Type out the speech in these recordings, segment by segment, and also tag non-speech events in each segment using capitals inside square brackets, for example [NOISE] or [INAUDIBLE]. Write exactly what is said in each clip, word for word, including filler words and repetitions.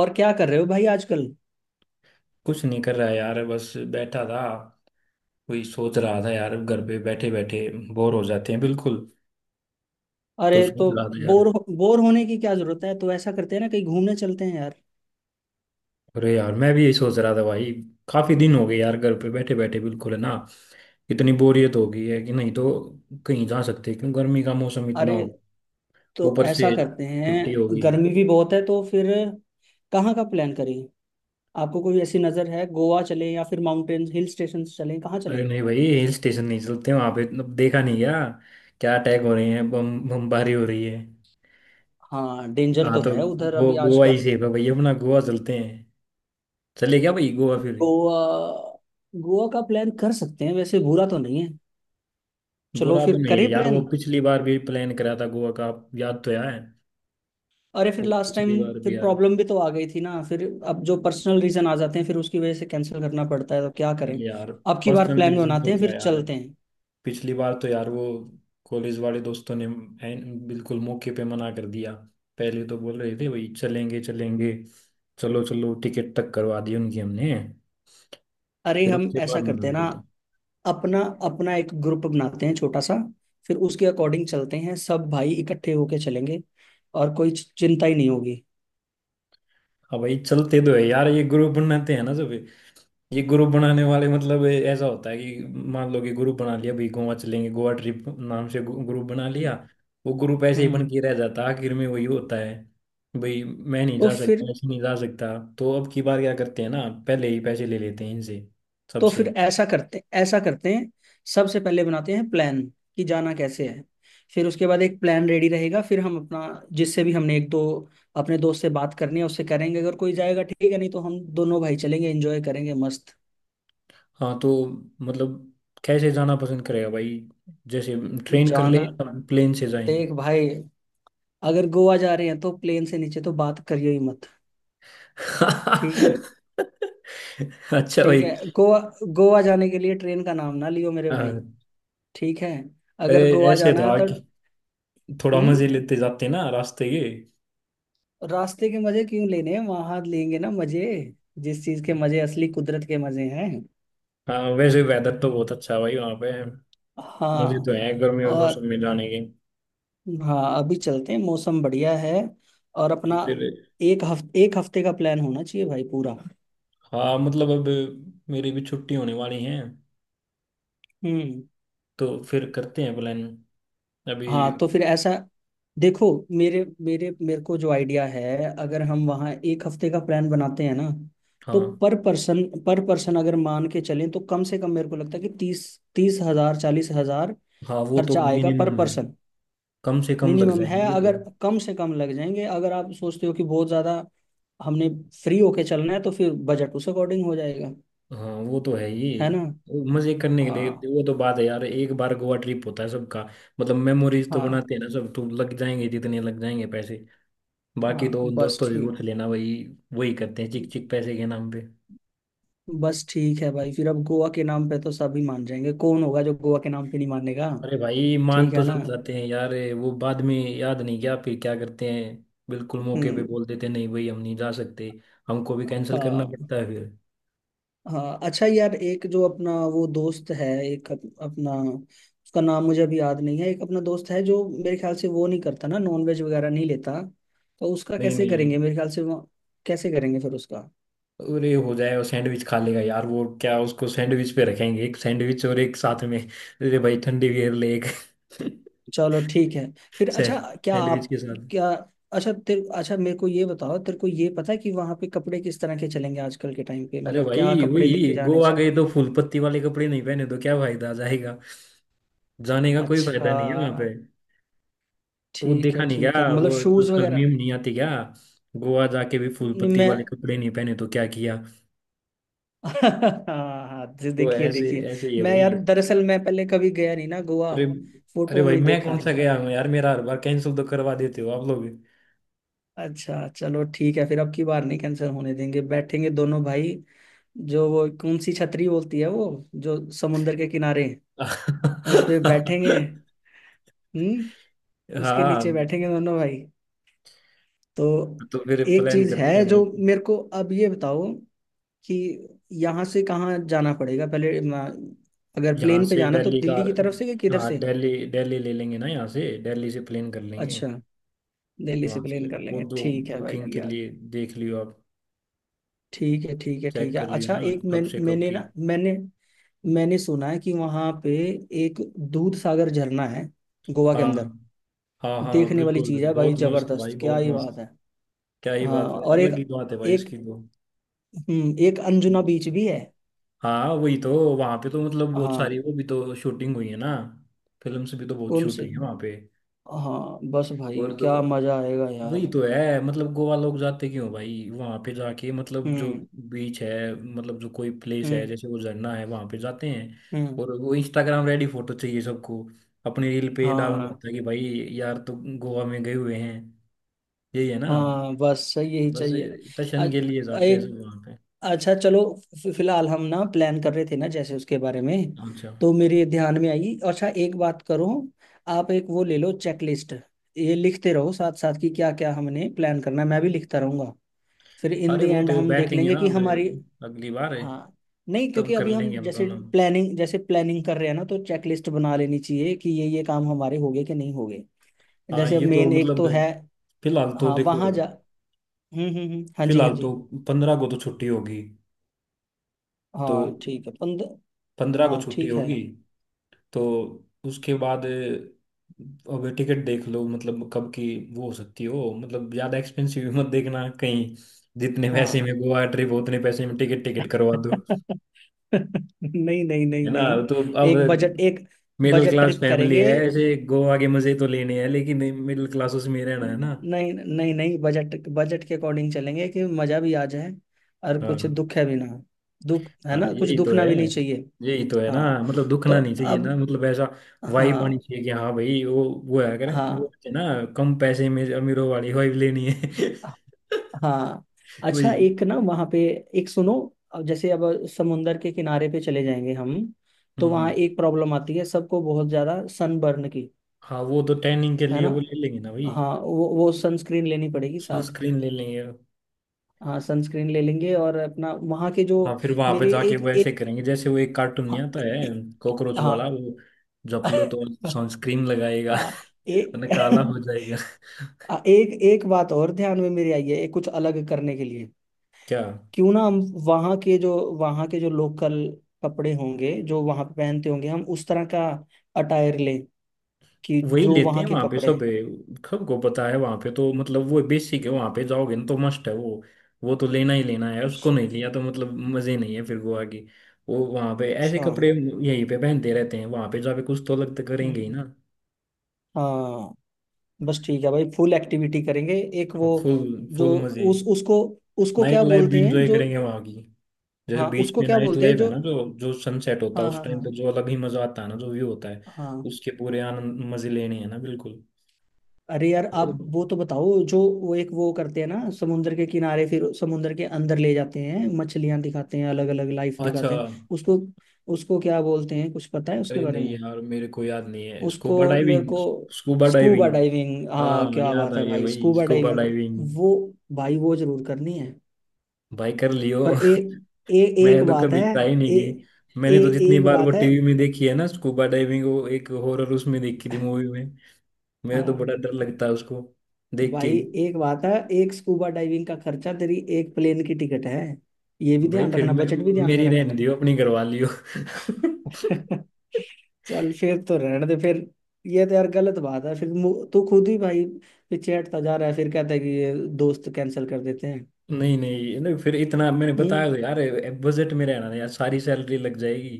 और क्या कर रहे हो भाई आजकल। कुछ नहीं कर रहा है यार, बस बैठा था। वही सोच रहा था यार, घर पे बैठे बैठे बोर हो जाते हैं बिल्कुल। तो अरे सोच तो रहा था यार। बोर बोर होने की क्या जरूरत है? तो ऐसा करते हैं ना, कहीं घूमने चलते हैं यार। अरे यार, मैं भी यही सोच रहा था भाई। काफी दिन हो गए यार, घर पे बैठे बैठे, बिल्कुल है ना। इतनी बोरियत हो गई है कि नहीं तो कहीं जा सकते, क्यों गर्मी का मौसम इतना अरे हो गया। तो ऊपर ऐसा से करते छुट्टी हो हैं, गई। गर्मी भी बहुत है तो फिर कहाँ का प्लान करें? आपको कोई ऐसी नज़र है, गोवा चलें या फिर माउंटेन हिल स्टेशन चलें, कहाँ अरे चलें? नहीं भाई, हिल स्टेशन नहीं चलते, वहां पे अब देखा नहीं गया, क्या अटैक हो रहे हैं, बम बमबारी हो रही है। हाँ, डेंजर हाँ, तो तो है उधर गो अभी गोवा ही आजकल। सेफ है भाई, अपना गोवा चलते हैं। चले क्या भाई गोवा फिर। गोवा, गोवा का प्लान कर सकते हैं, वैसे बुरा तो नहीं है। चलो बुरा तो फिर नहीं है करें यार, वो प्लान। पिछली बार भी प्लान करा था गोवा का, आप याद तो है। अरे फिर वो लास्ट टाइम पिछली बार भी फिर यार। प्रॉब्लम भी तो आ गई थी ना फिर। अब जो पर्सनल रीजन आ जाते हैं फिर उसकी वजह से कैंसिल करना पड़ता है तो क्या करें। अरे यार। अब की बार पर्सनल प्लान रीजन बनाते तो हैं क्या फिर यार है, चलते हैं। पिछली बार तो यार वो कॉलेज वाले दोस्तों ने एन- बिल्कुल मौके पे मना कर दिया। पहले तो बोल रहे थे भाई चलेंगे चलेंगे, चलो चलो, टिकट तक करवा दी उनकी हमने, अरे फिर हम उसके ऐसा बाद करते मना हैं ना, कर दिया। अपना अपना एक ग्रुप बनाते हैं छोटा सा। फिर उसके अकॉर्डिंग चलते हैं सब भाई, इकट्ठे होके चलेंगे और कोई चिंता ही नहीं होगी। अब भाई चलते तो है यार, ये ग्रुप बनाते हैं ना सब। ये ग्रुप बनाने वाले मतलब ए- ऐसा होता है कि मान लो कि ग्रुप बना लिया भाई, गोवा चलेंगे, गोवा ट्रिप नाम से ग्रु- ग्रुप बना लिया, हम्म। वो ग्रुप ऐसे ही बन हम्म। के रह जाता है। आखिर में वही होता है, भाई मैं नहीं तो जा फिर सकता, ऐसे नहीं जा सकता। तो अब की बार क्या करते हैं ना, पहले ही पैसे ले लेते हैं इनसे, तो फिर सबसे। ऐसा करते ऐसा करते हैं, सबसे पहले बनाते हैं प्लान कि जाना कैसे है। फिर उसके बाद एक प्लान रेडी रहेगा, फिर हम अपना जिससे भी हमने एक दो अपने दोस्त से बात करनी है उससे करेंगे। अगर कोई जाएगा ठीक है, नहीं तो हम दोनों भाई चलेंगे, एंजॉय करेंगे मस्त। हाँ तो मतलब, कैसे जाना पसंद करेगा भाई, जैसे ट्रेन कर ले जाना, या प्लेन से जाएं। देख भाई, अगर गोवा जा रहे हैं तो प्लेन से नीचे तो बात करियो ही मत। ठीक है। [LAUGHS] अच्छा ठीक भाई। है, गोवा, गोवा जाने के लिए ट्रेन का नाम ना लियो मेरे भाई। हाँ, ठीक है, अगर ए- गोवा ऐसे जाना है था तो कि थोड़ा हम्म। मजे लेते जाते हैं ना रास्ते के। रास्ते के मजे क्यों लेने, वहां लेंगे ना मजे, जिस चीज के मजे, असली कुदरत के मजे हैं। हाँ वैसे वेदर तो बहुत अच्छा है भाई वहाँ पे। मुझे तो हाँ। है गर्मी और और मौसम में जाने के। हाँ, अभी चलते हैं, मौसम बढ़िया है। और अपना तो फिर। एक हफ्ते, एक हफ्ते का प्लान होना चाहिए भाई पूरा। हाँ मतलब अब मेरी भी छुट्टी होने वाली है, हम्म। तो फिर करते हैं प्लान अभी। हाँ तो फिर ऐसा देखो, मेरे मेरे मेरे को जो आइडिया है, अगर हम वहाँ एक हफ्ते का प्लान बनाते हैं ना, तो हाँ। पर पर्सन पर पर्सन अगर मान के चलें तो कम से कम मेरे को लगता है कि तीस, तीस हज़ार चालीस हज़ार हाँ वो तो खर्चा आएगा पर मिनिमम है, पर्सन। कम से कम लग मिनिमम जाएंगे है, वो तो। अगर कम से कम लग जाएंगे। अगर आप सोचते हो कि बहुत ज्यादा हमने फ्री होके चलना है तो फिर बजट उस अकॉर्डिंग हो जाएगा, हाँ वो तो है ही। है ना। मजे करने के हाँ, लिए वो तो बात है यार, एक बार गोवा ट्रिप होता है सबका, मतलब मेमोरीज तो हाँ। बनाते हैं ना सब, तो लग जाएंगे जितने लग जाएंगे पैसे। बाकी हाँ तो बस दोस्तों ठीक। जरूर से लेना भाई, वही करते हैं चिक चिक पैसे के नाम पे। बस ठीक है भाई, फिर अब गोवा के नाम पे तो सभी मान जाएंगे, कौन होगा जो गोवा के नाम पे नहीं मानेगा। अरे भाई मान ठीक तो है ना। सब जाते हैं यार, ये वो बाद में याद नहीं क्या फिर क्या करते हैं, बिल्कुल मौके पे हम्म। बोल देते नहीं भाई हम नहीं जा सकते, हमको भी कैंसिल करना हाँ, पड़ता है फिर। हाँ, अच्छा यार, एक जो अपना वो दोस्त है एक अप, अपना, उसका नाम मुझे अभी याद नहीं है, एक अपना दोस्त है जो मेरे ख्याल से वो नहीं करता ना, नॉन वेज वगैरह नहीं लेता। तो उसका नहीं कैसे नहीं। करेंगे? मेरे ख्याल से वो कैसे करेंगे फिर उसका। अरे हो जाए, वो सैंडविच खा लेगा यार वो, क्या उसको सैंडविच पे रखेंगे, एक सैंडविच और एक साथ में, अरे भाई ठंडी बियर ले एक। [LAUGHS] चलो ठीक है, फिर सै- अच्छा, क्या सैंडविच आप, के साथ। क्या, अच्छा तेरे, अच्छा मेरे को ये बताओ, तेरे को ये पता है कि वहाँ पे कपड़े किस तरह के चलेंगे आजकल के टाइम पे? अरे मतलब क्या भाई, कपड़े वही लेके जाने गोवा चाहिए? गए तो फूल पत्ती वाले कपड़े नहीं पहने तो क्या फायदा जाएगा, जाने का कोई फायदा अच्छा, नहीं है वहां पे। तो वो ठीक देखा है नहीं गया, ठीक है, मतलब वो शूज आजकल वगैरह। मीम नहीं आती क्या, गोवा जाके भी फूल नहीं, पत्ती वाले मैं, कपड़े नहीं पहने तो क्या किया। हाँ, हाँ, दे- वो देखिए ऐसे देखिए, ऐसे ही है मैं भाई। यार दरअसल मैं पहले कभी गया नहीं ना गोवा, अरे। अरे फोटो भाई में ही मैं देखा कौन है। सा गया हूँ यार, मेरा हर बार कैंसिल तो करवा देते हो आप लोग। अच्छा चलो ठीक है, फिर अब की बार नहीं कैंसिल होने देंगे, बैठेंगे दोनों भाई, जो वो कौन सी छतरी बोलती है वो, जो समुंदर के किनारे है, उस पे बैठेंगे। [LAUGHS] हम्म। उसके हाँ नीचे बैठेंगे दोनों भाई। तो तो फिर एक प्लान चीज करते है हैं भाई। जो मेरे को, अब ये बताओ कि यहाँ से कहाँ जाना पड़ेगा पहले, अ, अगर यहाँ प्लेन पे से जाना, तो दिल्ली का, दिल्ली की तरफ से या किधर हाँ से? दिल्ली दिल्ली ले लेंगे ना, यहाँ से दिल्ली से प्लेन कर लेंगे। अच्छा, दिल्ली से वहाँ से प्लेन कर वो लेंगे, दो, ठीक है भाई बुकिंग के यार। लिए देख लियो आप, ठीक है, ठीक है, ठीक चेक है, कर लियो अच्छा, ना एक मैं, कब से कब मैंने की। ना, मैंने, मैंने सुना है कि वहां पे एक दूध सागर झरना है गोवा के हाँ अंदर। हाँ, हाँ देखने वाली बिल्कुल चीज है भाई, बहुत मस्त भाई, जबरदस्त, क्या बहुत ही बात मस्त। है। क्या ही हाँ, बात है, और एक, अलग ही बात है भाई एक, इसकी तो। हम्म, एक अंजुना बीच भी है। हाँ वही तो, वहां पे तो मतलब बहुत सारी हाँ, वो भी तो शूटिंग हुई है ना, फिल्म से भी तो बहुत कौन शूट हुई से? है वहां पे। हाँ बस भाई, और तो क्या मजा आएगा वही यार। तो है मतलब, गोवा लोग जाते क्यों भाई, वहां पे जाके मतलब जो हम्म, बीच है, मतलब जो कोई प्लेस है, हम्म, जैसे वो झरना है वहां पे जाते हैं। हम्म। और वो इंस्टाग्राम रेडी फोटो चाहिए सबको, अपनी रील पे डालना हाँ। होता है कि भाई यार तो गोवा में गए हुए हैं, यही है ना। हाँ बस यही बस चाहिए। अ- दर्शन के लिए जाते हैं एक, सब वहाँ पे। अच्छा चलो, फि- फिलहाल हम ना प्लान कर रहे थे ना जैसे उसके बारे में, अच्छा। तो मेरे ध्यान में आई, अच्छा एक बात करो, आप एक वो ले लो चेकलिस्ट, ये लिखते रहो साथ साथ कि क्या क्या हमने प्लान करना है, मैं भी लिखता रहूंगा, फिर इन द अरे वो एंड तो हम देख बैठेंगे लेंगे ना कि अब, हमारी। अगली बार है, हाँ, नहीं तब क्योंकि कर अभी हम लेंगे हम जैसे दोनों। प्लानिंग जैसे प्लानिंग कर रहे हैं ना, तो चेकलिस्ट बना लेनी चाहिए कि ये ये काम हमारे हो गए कि नहीं हो गए। हाँ जैसे अब ये तो मेन एक मतलब। तो है। फिलहाल तो हाँ देखो, वहाँ जा। हम्म, हम्म, हम्म, हाँ जी, हाँ फिलहाल जी। तो पंद्रह को तो छुट्टी होगी, तो हाँ ठीक है, पंद्रह। पंद्रह को हाँ छुट्टी ठीक है। होगी, तो उसके बाद अब टिकट देख लो, मतलब कब की वो हो सकती हो, मतलब ज़्यादा एक्सपेंसिव मत देखना कहीं, जितने पैसे हाँ। में गोवा ट्रिप उतने पैसे में टिकट टिकट करवा दो, [LAUGHS] नहीं नहीं है नहीं ना। नहीं, तो अब एक बजट, एक middle budget class trip family करेंगे। है, ऐसे गोवा के मजे तो लेने हैं लेकिन मिडिल क्लासों से में रहना है न- ना। नहीं नहीं नहीं, बजट, बजट के अकॉर्डिंग चलेंगे कि मजा भी आ जाए और हाँ। कुछ दुख है भी ना हो। दुख है हाँ, ना, कुछ यही तो है, दुखना भी नहीं चाहिए। यही तो है ना हाँ। मतलब, तो दुखना नहीं चाहिए ना अब मतलब, ऐसा वाइब आनी हाँ। चाहिए कि हाँ भाई, वो वो है करें वो, हाँ, है ना। कम पैसे में अमीरों वाली वाइब लेनी है। हाँ, [LAUGHS] वही। अच्छा, एक ना वहाँ पे, एक सुनो, अब जैसे अब समुंदर के किनारे पे चले जाएंगे हम, तो वहाँ हम्म। एक प्रॉब्लम आती है सबको बहुत ज्यादा सनबर्न की, हाँ वो तो टैनिंग के है लिए ना। वो ले लेंगे ना भाई, हाँ, वो वो सनस्क्रीन लेनी पड़ेगी साथ। सनस्क्रीन ले लेंगे। हाँ सनस्क्रीन ले लेंगे, और अपना वहाँ के जो, हाँ फिर वहां पे मेरे जाके एक वो ऐसे एक, करेंगे जैसे वो एक कार्टून नहीं हाँ, आता है, कॉकरोच वाला हाँ। वो, झपलो तो सनस्क्रीन लगाएगा [LAUGHS] हाँ, एक, वरना काला हो [LAUGHS] जाएगा। एक एक बात और ध्यान में मेरी आई है, एक कुछ अलग करने के लिए। क्या? क्यों ना हम वहाँ के जो, वहाँ के जो लोकल कपड़े होंगे जो वहाँ पे पहनते होंगे, हम उस तरह का अटायर लें, कि वही जो लेते वहाँ हैं के वहां पे कपड़े सब, हैं। सबको पता है वहां पे तो, मतलब वो बेसिक है, वहां पे जाओगे ना तो मस्ट है वो वो तो लेना ही लेना है, उसको अच्छा, नहीं लिया तो मतलब मजे नहीं है फिर गोवा की। वो वहां पे ऐसे अच्छा, कपड़े यहीं पे पहनते रहते हैं, वहां पे जाके कुछ तो अलग तो करेंगे ही हम्म, ना। हाँ बस ठीक है भाई, फुल एक्टिविटी करेंगे। एक वो, फुल जो फुल मजे। उस उसको, उसको नाइट क्या लाइफ भी बोलते हैं इंजॉय जो, करेंगे वहां की, जैसे हाँ बीच उसको पे क्या नाइट बोलते हैं लाइफ है जो, ना, जो जो सनसेट होता है हाँ उस हाँ टाइम पे, हाँ, जो अलग ही मजा आता है ना, जो व्यू होता है, हाँ, उसके पूरे आनंद मजे लेने हैं ना बिल्कुल। अरे यार तो आप वो तो बताओ, जो वो एक वो करते हैं ना समुद्र के किनारे, फिर समुद्र के अंदर ले जाते हैं, मछलियां दिखाते हैं, अलग अलग लाइफ अच्छा। दिखाते हैं, उसको, उसको क्या बोलते हैं, कुछ पता है उसके अरे बारे में? नहीं यार, मेरे को याद नहीं है, उसको, स्कूबा मेरे डाइविंग, को, स्कूबा स्कूबा डाइविंग। डाइविंग, हाँ, हाँ क्या याद बात आ है गया भाई, भाई, स्कूबा स्कूबा डाइविंग डाइविंग। वो, भाई वो जरूर करनी है। भाई कर लियो। पर ए, ए, [LAUGHS] एक मैं तो बात कभी है, ट्राई नहीं ए, की, ए, मैंने तो जितनी एक बार वो बात है। टीवी में देखी है ना स्कूबा डाइविंग, वो एक हॉरर उसमें देखी थी मूवी में, मेरे तो बड़ा हाँ डर लगता है उसको देख भाई, के। एक बात है, एक स्कूबा डाइविंग का खर्चा तेरी एक प्लेन की टिकट है, ये भी भाई ध्यान फिर रखना, मे, बजट भी ध्यान में मेरी रहने रखना। दियो, अपनी करवा लियो। [LAUGHS] [LAUGHS] चल फिर तो रहने दे फिर, ये तो यार गलत बात है फिर, मु- तू खुद ही भाई पीछे हटता जा रहा है, फिर कहता है कि ये दोस्त कैंसिल कर देते हैं। नहीं नहीं नहीं, फिर इतना मैंने बताया हम्म। तो यार, बजट में रहना है यार, सारी सैलरी लग जाएगी।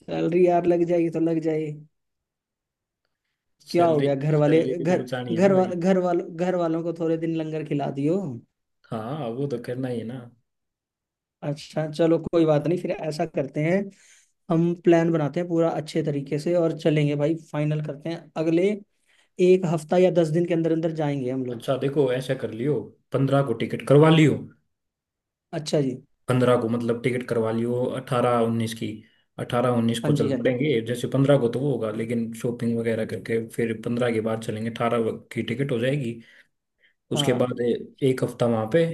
सैलरी यार, लग जाएगी तो लग जाएगी, क्या हो सैलरी गया, घर वाले सैलरी भी तो घर, बचानी है ना घर भाई। वाल, घर वाल, घर वालों को थोड़े दिन लंगर खिला दियो। हाँ वो तो करना ही है ना। अच्छा चलो, कोई बात नहीं, फिर ऐसा करते हैं, हम प्लान बनाते हैं पूरा अच्छे तरीके से और चलेंगे भाई, फाइनल करते हैं, अगले एक हफ़्ता या दस दिन के अंदर अंदर जाएंगे हम लोग। अच्छा देखो ऐसा कर लियो, पंद्रह को टिकट करवा लियो। अच्छा जी, पंद्रह को मतलब टिकट करवा लियो अठारह उन्नीस की, अठारह उन्नीस हाँ को जी, चल हाँ जी, पड़ेंगे। जैसे पंद्रह को तो वो होगा लेकिन शॉपिंग वगैरह करके फिर पंद्रह के बाद चलेंगे, अठारह की टिकट हो जाएगी। उसके बाद हाँ ए- एक हफ्ता वहां पे,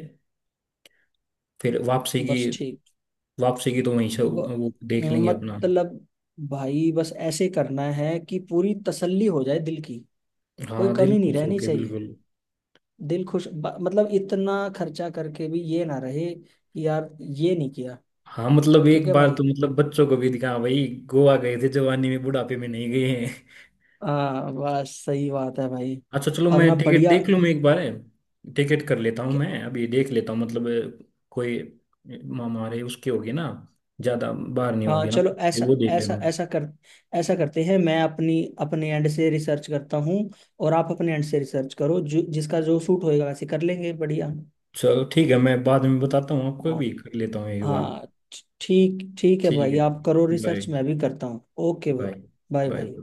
फिर वापसी की, बस ठीक, वापसी की तो वहीं से ब- वो देख लेंगे अपना। मतलब भाई, बस ऐसे करना है कि पूरी तसल्ली हो जाए दिल की, कोई हाँ दिल कमी नहीं खुश रहनी होके चाहिए। बिल्कुल। दिल खुश, ब- मतलब इतना खर्चा करके भी ये ना रहे कि यार ये नहीं किया। हाँ मतलब ठीक एक है बार भाई। तो मतलब बच्चों को भी दिखा भाई, गोवा गए थे जवानी में, बुढ़ापे में नहीं गए हैं। हाँ बस सही बात है भाई। अच्छा चलो, अब मैं ना टिकट बढ़िया। देख लूँ मैं एक बार, टिकट कर लेता हूँ मैं, अभी देख लेता हूँ मतलब, कोई हमारे उसके होगी ना, ज़्यादा बाहर नहीं हाँ होगी ना, चलो, ऐसा वो देख लेता ऐसा हूँ। ऐसा कर, ऐसा करते हैं, मैं अपनी, अपने एंड से रिसर्च करता हूँ, और आप अपने एंड से रिसर्च करो, जो जिसका जो सूट होएगा वैसे कर लेंगे बढ़िया। चलो ठीक है, मैं बाद में बताता हूँ, आपको हाँ। भी कर लेता हूँ एक बार। हाँ, ठीक ठीक है ठीक भाई, है, आप करो बाय। रिसर्च, मैं भी करता हूँ, ओके भाई। बाय। Bye bye. भाई।